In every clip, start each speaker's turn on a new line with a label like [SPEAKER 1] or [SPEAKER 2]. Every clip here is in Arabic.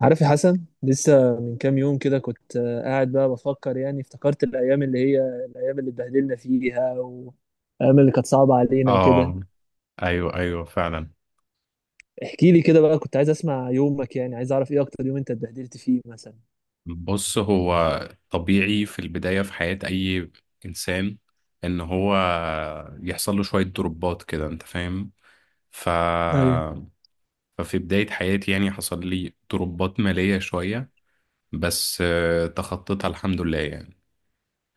[SPEAKER 1] عارف يا حسن، لسه من كام يوم كده كنت قاعد بقى بفكر. يعني افتكرت الأيام اللي اتبهدلنا فيها، والأيام اللي كانت صعبة علينا وكده.
[SPEAKER 2] اه، ايوه، ايوه، فعلا.
[SPEAKER 1] احكي لي كده بقى، كنت عايز أسمع يومك. يعني عايز أعرف إيه أكتر يوم أنت اتبهدلت فيه مثلا.
[SPEAKER 2] بص، هو طبيعي في البداية في حياة اي انسان ان هو يحصل له شوية دروبات كده، انت فاهم. ف...
[SPEAKER 1] ايوه.
[SPEAKER 2] ففي بداية حياتي يعني حصل لي دروبات مالية شوية، بس تخطيتها الحمد لله يعني.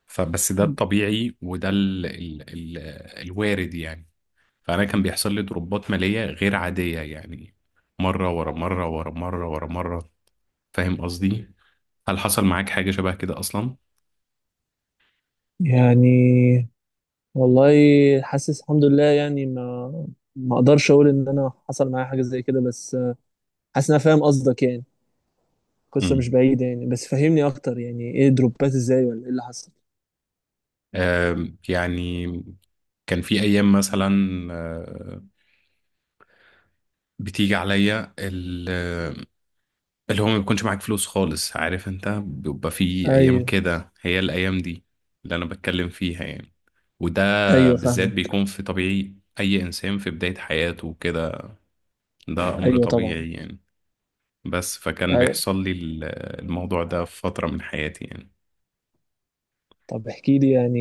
[SPEAKER 2] فبس ده الطبيعي، وده الوارد يعني. فأنا كان بيحصل لي دروبات مالية غير عادية يعني، مرة ورا مرة ورا مرة ورا مرة. فاهم قصدي؟ هل حصل معاك حاجة شبه كده أصلا؟
[SPEAKER 1] يعني والله، حاسس الحمد لله يعني. ما أقدرش أقول إن أنا حصل معايا حاجة زي كده، بس حاسس إن أنا فاهم قصدك يعني. قصة مش
[SPEAKER 2] امم
[SPEAKER 1] بعيدة يعني، بس فهمني أكتر يعني إيه دروبات؟ إزاي؟ ولا إيه اللي حصل؟
[SPEAKER 2] يعني كان في أيام مثلا، آه، بتيجي عليا اللي هو ما بيكونش معاك فلوس خالص. عارف أنت، بيبقى في أيام
[SPEAKER 1] أيوه.
[SPEAKER 2] كده. هي الأيام دي اللي أنا بتكلم فيها يعني. وده
[SPEAKER 1] أيوه
[SPEAKER 2] بالذات
[SPEAKER 1] فاهمك.
[SPEAKER 2] بيكون في طبيعي أي إنسان في بداية حياته وكده. ده أمر
[SPEAKER 1] أيوه طبعا.
[SPEAKER 2] طبيعي يعني. بس فكان
[SPEAKER 1] أي.
[SPEAKER 2] بيحصل لي الموضوع ده في فترة من حياتي يعني.
[SPEAKER 1] طب احكي لي يعني،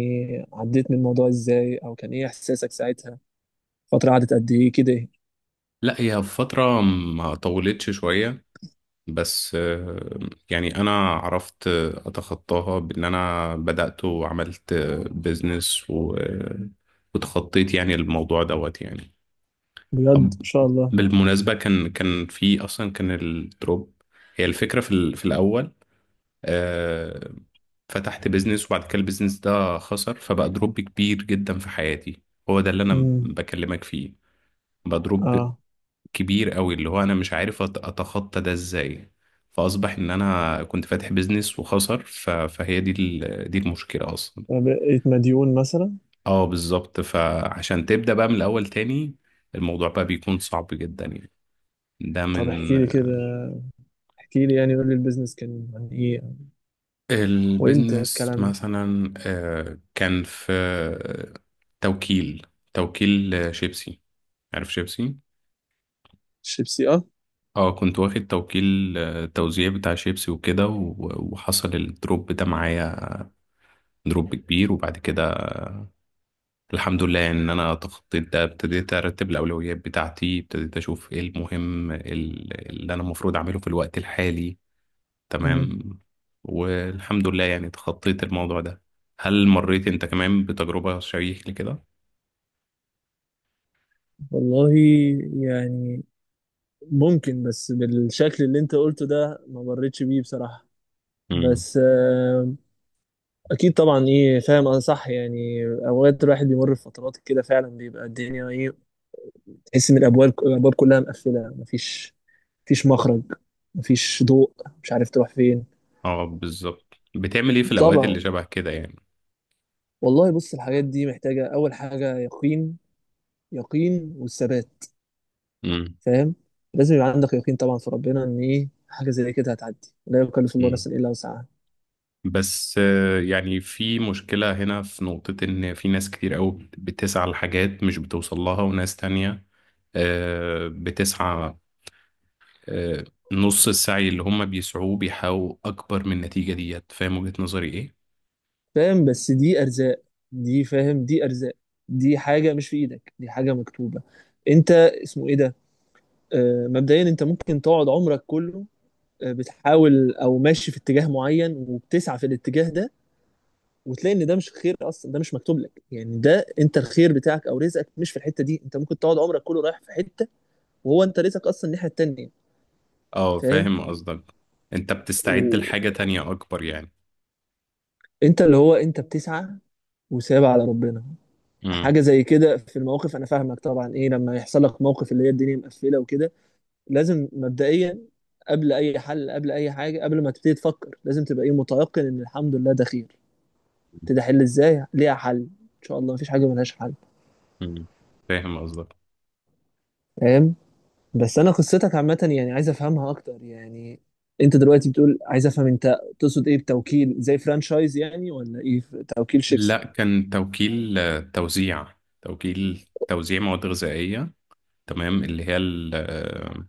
[SPEAKER 1] عديت من الموضوع ازاي؟ او كان ايه احساسك ساعتها؟ فترة قعدت قد ايه كده؟
[SPEAKER 2] لا، هي فترة ما طولتش شوية، بس يعني انا عرفت اتخطاها بان انا بدأت وعملت بيزنس وتخطيت يعني الموضوع دوت يعني.
[SPEAKER 1] بجد
[SPEAKER 2] طب،
[SPEAKER 1] ان شاء الله.
[SPEAKER 2] بالمناسبة كان في اصلا، كان الدروب هي الفكرة في الاول. آه، فتحت بيزنس وبعد كده البيزنس ده خسر، فبقى دروب كبير جدا في حياتي. هو ده اللي انا
[SPEAKER 1] امم.
[SPEAKER 2] بكلمك فيه. بقى دروب
[SPEAKER 1] اه.
[SPEAKER 2] كبير قوي، اللي هو انا مش عارف اتخطى ده ازاي. فاصبح ان انا كنت فاتح بيزنس وخسر. فهي دي دي المشكلة اصلا.
[SPEAKER 1] أنا بقيت مديون مثلا؟
[SPEAKER 2] اه بالظبط، فعشان تبدأ بقى من الاول تاني الموضوع بقى بيكون صعب جدا يعني. ده
[SPEAKER 1] طب
[SPEAKER 2] من.
[SPEAKER 1] احكي لي كده، احكي لي يعني قول لي البيزنس كان عن ايه؟ وامتى
[SPEAKER 2] البيزنس
[SPEAKER 1] الكلام ده؟
[SPEAKER 2] مثلا كان في توكيل توكيل شيبسي. عارف شيبسي؟
[SPEAKER 1] الشيبسي، اه.
[SPEAKER 2] اه، كنت واخد توكيل توزيع بتاع شيبسي وكده وحصل الدروب ده معايا. دروب كبير. وبعد كده الحمد لله ان انا تخطيت ده، ابتديت ارتب الاولويات بتاعتي، ابتديت اشوف ايه المهم اللي انا المفروض اعمله في الوقت الحالي.
[SPEAKER 1] امم.
[SPEAKER 2] تمام. والحمد لله يعني تخطيت الموضوع ده. هل مريت انت كمان بتجربة شبيهة لكده؟
[SPEAKER 1] والله يعني، ممكن، بس بالشكل اللي انت قلته ده ما مريتش بيه بصراحة.
[SPEAKER 2] امم
[SPEAKER 1] بس اكيد طبعا ايه، فاهم انا صح. يعني اوقات الواحد بيمر في فترات كده، فعلا بيبقى الدنيا ايه، تحس ان الابواب كلها مقفله، مفيش مخرج، مفيش ضوء، مش عارف تروح فين.
[SPEAKER 2] اه بالظبط. بتعمل ايه في الاوقات اللي
[SPEAKER 1] طبعا.
[SPEAKER 2] شبه كده يعني؟
[SPEAKER 1] والله بص، الحاجات دي محتاجه اول حاجه يقين. يقين والثبات.
[SPEAKER 2] امم
[SPEAKER 1] فاهم. لازم يبقى عندك يقين، طبعا في ربنا، ان ايه حاجه زي كده هتعدي. لا يكلف الله
[SPEAKER 2] امم
[SPEAKER 1] نفسا الا وسعها.
[SPEAKER 2] بس يعني في مشكلة هنا في نقطة ان في ناس كتير قوي بتسعى لحاجات مش بتوصل لها، وناس تانية بتسعى آه، نص السعي اللي هم بيسعوه بيحققوا أكبر من النتيجة ديت. فاهم وجهة نظري إيه؟
[SPEAKER 1] فاهم، بس دي ارزاق، دي فاهم دي ارزاق. دي حاجه مش في ايدك، دي حاجه مكتوبه. انت اسمه ايه ده؟ مبدئيا انت ممكن تقعد عمرك كله بتحاول، او ماشي في اتجاه معين وبتسعى في الاتجاه ده، وتلاقي ان ده مش خير اصلا، ده مش مكتوب لك. يعني ده انت الخير بتاعك او رزقك مش في الحته دي، انت ممكن تقعد عمرك كله رايح في حته، وهو انت رزقك اصلا الناحيه التانيه.
[SPEAKER 2] اه
[SPEAKER 1] فاهم.
[SPEAKER 2] فاهم قصدك. أنت بتستعد لحاجة
[SPEAKER 1] وانت
[SPEAKER 2] تانية أكبر يعني.
[SPEAKER 1] اللي هو انت بتسعى وسايب على ربنا.
[SPEAKER 2] امم
[SPEAKER 1] حاجه زي كده في المواقف، انا فاهمك طبعا ايه. لما يحصل لك موقف اللي هي الدنيا مقفله وكده، لازم مبدئيا قبل اي حل، قبل اي حاجه، قبل ما تبتدي تفكر، لازم تبقى ايه متيقن ان الحمد لله ده خير. قلت ده حل ازاي؟ ليها حل ان شاء الله، مفيش حاجه ملهاش حل.
[SPEAKER 2] امم فاهم قصدك.
[SPEAKER 1] فاهم. بس انا قصتك عامه يعني، عايز افهمها اكتر يعني. انت دلوقتي بتقول، عايز افهم انت تقصد ايه بتوكيل؟ زي فرانشايز يعني ولا ايه؟ توكيل شيبسي؟
[SPEAKER 2] لا، كان توكيل توزيع. توكيل توزيع مواد غذائية. تمام. اللي هي آه،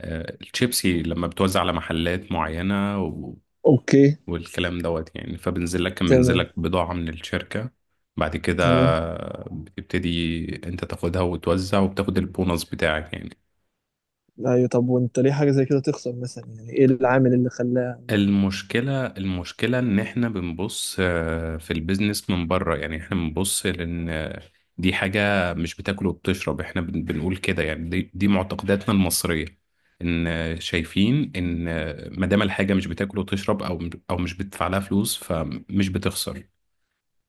[SPEAKER 2] آه، الشيبسي لما بتوزع على محلات معينة
[SPEAKER 1] اوكي.
[SPEAKER 2] والكلام دوت يعني. فبنزل لك كان بينزل
[SPEAKER 1] تمام.
[SPEAKER 2] لك بضاعة من الشركة. بعد كده
[SPEAKER 1] تمام.
[SPEAKER 2] بتبتدي انت تاخدها وتوزع وبتاخد البونص بتاعك يعني.
[SPEAKER 1] ايوه. طب وانت ليه حاجه زي كده تخسر مثلا؟ يعني ايه العامل اللي خلاها؟
[SPEAKER 2] المشكلة المشكلة ان احنا بنبص في البيزنس من بره يعني. احنا بنبص لان دي حاجة مش بتاكل وبتشرب. احنا بنقول كده يعني، دي معتقداتنا المصرية. ان شايفين ان ما دام الحاجة مش بتاكل وتشرب او مش بتدفع لها فلوس، فمش بتخسر.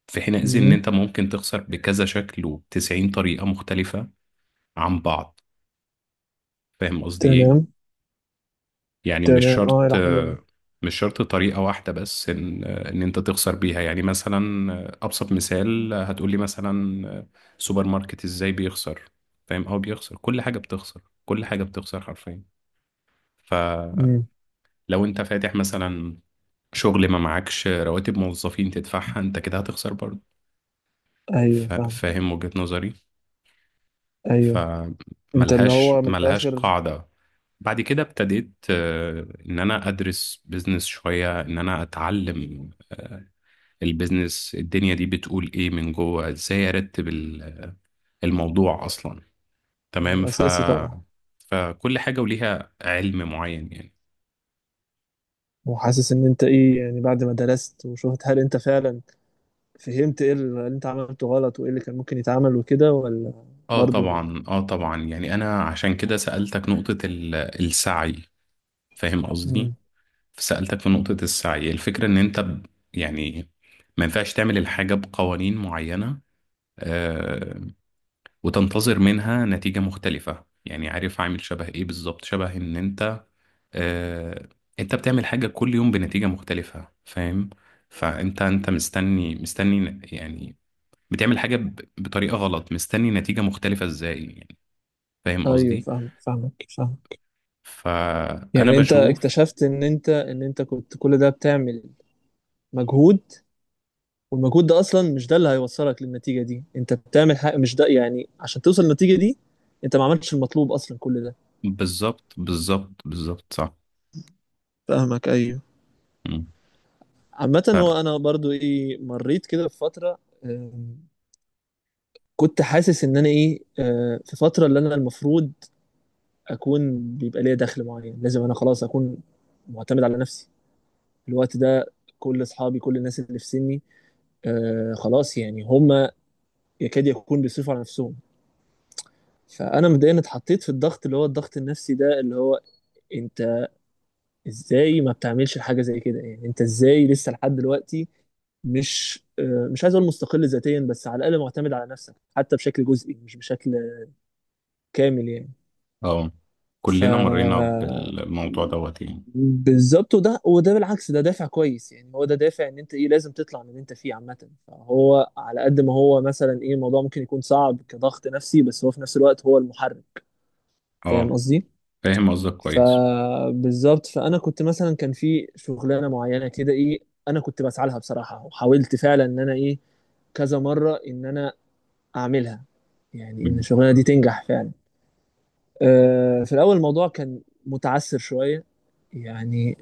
[SPEAKER 2] في حينئذ ان
[SPEAKER 1] مم.
[SPEAKER 2] انت ممكن تخسر بكذا شكل وبتسعين طريقة مختلفة عن بعض. فاهم قصدي
[SPEAKER 1] تمام.
[SPEAKER 2] ايه؟ يعني مش
[SPEAKER 1] تمام اه
[SPEAKER 2] شرط،
[SPEAKER 1] الى حد ما.
[SPEAKER 2] مش شرط طريقة واحدة بس ان انت تخسر بيها. يعني مثلا ابسط مثال هتقولي مثلا، سوبر ماركت ازاي بيخسر. فاهم؟ او بيخسر كل حاجة، بتخسر كل حاجة، بتخسر حرفيا.
[SPEAKER 1] مم.
[SPEAKER 2] فلو انت فاتح مثلا شغل ما معكش رواتب موظفين تدفعها، انت كده هتخسر برضه.
[SPEAKER 1] ايوه فاهم.
[SPEAKER 2] فاهم وجهة نظري؟
[SPEAKER 1] ايوه. انت اللي
[SPEAKER 2] فملهاش،
[SPEAKER 1] هو من
[SPEAKER 2] ملهاش
[SPEAKER 1] الاخر.
[SPEAKER 2] قاعدة. بعد كده ابتديت ان انا ادرس بيزنس شوية، ان انا اتعلم البيزنس الدنيا دي بتقول ايه من جوه، ازاي ارتب الموضوع اصلا. تمام.
[SPEAKER 1] ايوه اساسي طبعا.
[SPEAKER 2] فكل حاجة وليها علم معين يعني.
[SPEAKER 1] وحاسس ان انت ايه يعني؟ بعد ما درست وشفت، هل انت فعلا فهمت ايه اللي انت عملته غلط، وايه اللي كان ممكن يتعمل وكده ولا؟
[SPEAKER 2] اه
[SPEAKER 1] برضو.
[SPEAKER 2] طبعا، اه طبعا. يعني انا عشان كده سألتك نقطة السعي. فاهم قصدي؟
[SPEAKER 1] امم.
[SPEAKER 2] سألتك في نقطة السعي. الفكرة إن أنت يعني ما ينفعش تعمل الحاجة بقوانين معينة آه، وتنتظر منها نتيجة مختلفة. يعني عارف عامل شبه إيه بالظبط؟ شبه إن آه، أنت بتعمل حاجة كل يوم بنتيجة مختلفة. فاهم؟ فأنت مستني، مستني يعني بتعمل حاجة بطريقة غلط، مستني نتيجة مختلفة إزاي يعني؟ فاهم
[SPEAKER 1] ايوه
[SPEAKER 2] قصدي؟
[SPEAKER 1] فاهم فاهمك فاهم.
[SPEAKER 2] فأنا
[SPEAKER 1] يعني انت
[SPEAKER 2] بشوف.
[SPEAKER 1] اكتشفت ان انت كنت كل ده بتعمل مجهود، والمجهود ده اصلا مش ده اللي هيوصلك للنتيجة دي، انت بتعمل حاجة مش ده يعني عشان توصل للنتيجة دي. انت ما عملتش المطلوب اصلا كل ده.
[SPEAKER 2] بالظبط بالظبط بالظبط، صح.
[SPEAKER 1] فاهمك ايوه.
[SPEAKER 2] مم.
[SPEAKER 1] عامة هو انا برضو ايه، مريت كده بفترة. آم، كنت حاسس ان انا ايه، في فترة اللي انا المفروض اكون بيبقى ليا دخل معين، لازم انا خلاص اكون معتمد على نفسي الوقت ده. كل اصحابي، كل الناس اللي في سني، خلاص يعني هم يكاد يكون بيصرفوا على نفسهم. فانا مبدئيا اتحطيت في الضغط، اللي هو الضغط النفسي ده، اللي هو انت ازاي ما بتعملش حاجه زي كده يعني؟ انت ازاي لسه لحد دلوقتي مش عايز اقول مستقل ذاتيا، بس على الاقل معتمد على نفسك حتى بشكل جزئي مش بشكل كامل يعني.
[SPEAKER 2] اه،
[SPEAKER 1] ف
[SPEAKER 2] كلنا مرينا بالموضوع دوت يعني.
[SPEAKER 1] بالظبط. وده بالعكس، ده دافع كويس يعني. هو ده دافع ان انت ايه لازم تطلع من اللي انت فيه عامه. فهو على قد ما هو مثلا ايه الموضوع ممكن يكون صعب كضغط نفسي، بس هو في نفس الوقت هو المحرك. فاهم
[SPEAKER 2] اه
[SPEAKER 1] قصدي؟
[SPEAKER 2] فاهم قصدك كويس.
[SPEAKER 1] فبالظبط. فانا كنت مثلا كان في شغلانه معينه كده ايه، انا كنت بسعى لها بصراحه، وحاولت فعلا ان انا ايه كذا مره ان انا اعملها، يعني ان
[SPEAKER 2] مم.
[SPEAKER 1] الشغلانه دي تنجح فعلا. أه في الاول الموضوع كان متعثر شويه يعني،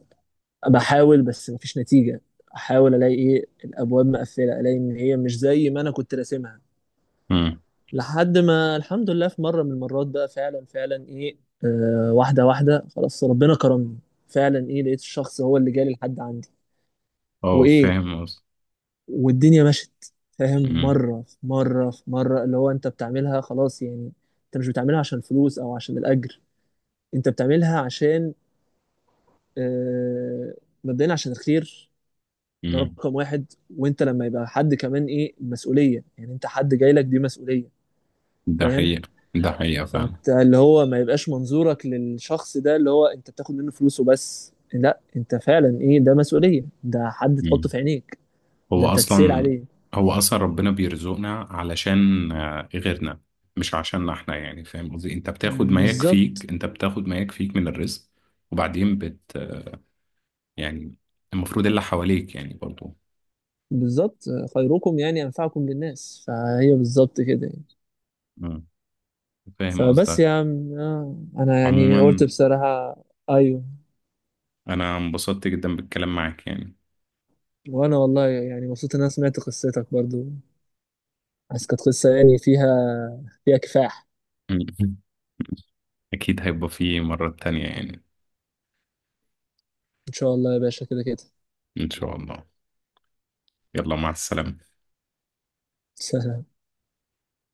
[SPEAKER 1] بحاول بس مفيش نتيجة. احاول الاقي ايه الابواب مقفلة، الاقي ان هي مش زي ما انا كنت راسمها.
[SPEAKER 2] مم.
[SPEAKER 1] لحد ما الحمد لله في مرة من المرات بقى فعلا، فعلا ايه واحدة واحدة خلاص، ربنا كرمني. فعلا ايه لقيت الشخص هو اللي جالي لحد عندي
[SPEAKER 2] اه
[SPEAKER 1] وايه،
[SPEAKER 2] فاهم قصدك.
[SPEAKER 1] والدنيا مشت. فاهم،
[SPEAKER 2] مم.
[SPEAKER 1] مرة في مرة في مرة، اللي هو انت بتعملها خلاص يعني. انت مش بتعملها عشان فلوس او عشان الاجر، انت بتعملها عشان آه مبدئيا عشان الخير. ده
[SPEAKER 2] مم.
[SPEAKER 1] رقم واحد. وانت لما يبقى حد كمان ايه مسؤولية يعني، انت حد جاي لك دي مسؤولية.
[SPEAKER 2] ده
[SPEAKER 1] فاهم.
[SPEAKER 2] حقيقة. ده حقيقة فعلا.
[SPEAKER 1] فانت اللي هو ما يبقاش منظورك للشخص ده اللي هو انت بتاخد منه فلوسه بس، لا انت فعلا ايه ده مسؤولية، ده حد تحطه
[SPEAKER 2] مم.
[SPEAKER 1] في عينيك، ده
[SPEAKER 2] هو
[SPEAKER 1] انت تسأل
[SPEAKER 2] أصلا،
[SPEAKER 1] عليه.
[SPEAKER 2] هو أصلا ربنا بيرزقنا علشان غيرنا، مش عشاننا احنا يعني. فاهم قصدي؟ انت بتاخد ما
[SPEAKER 1] بالظبط
[SPEAKER 2] يكفيك، انت بتاخد ما يكفيك من الرزق، وبعدين يعني المفروض اللي حواليك يعني برضو.
[SPEAKER 1] بالظبط. خيركم يعني أنفعكم للناس، فهي بالظبط كده يعني.
[SPEAKER 2] مم. فاهم
[SPEAKER 1] فبس
[SPEAKER 2] قصدك.
[SPEAKER 1] يا عم، انا يعني قلت
[SPEAKER 2] عموما
[SPEAKER 1] بصراحة. ايوه.
[SPEAKER 2] انا انبسطت جدا بالكلام معاك يعني.
[SPEAKER 1] وانا والله يعني مبسوط ان انا سمعت قصتك برضو، بس كانت قصة يعني فيها، فيها كفاح.
[SPEAKER 2] أكيد هيبقى في مرة تانية يعني.
[SPEAKER 1] إن شاء الله يا باشا، كده كده
[SPEAKER 2] إن شاء الله. يلا، مع السلامة.
[SPEAKER 1] سهلة.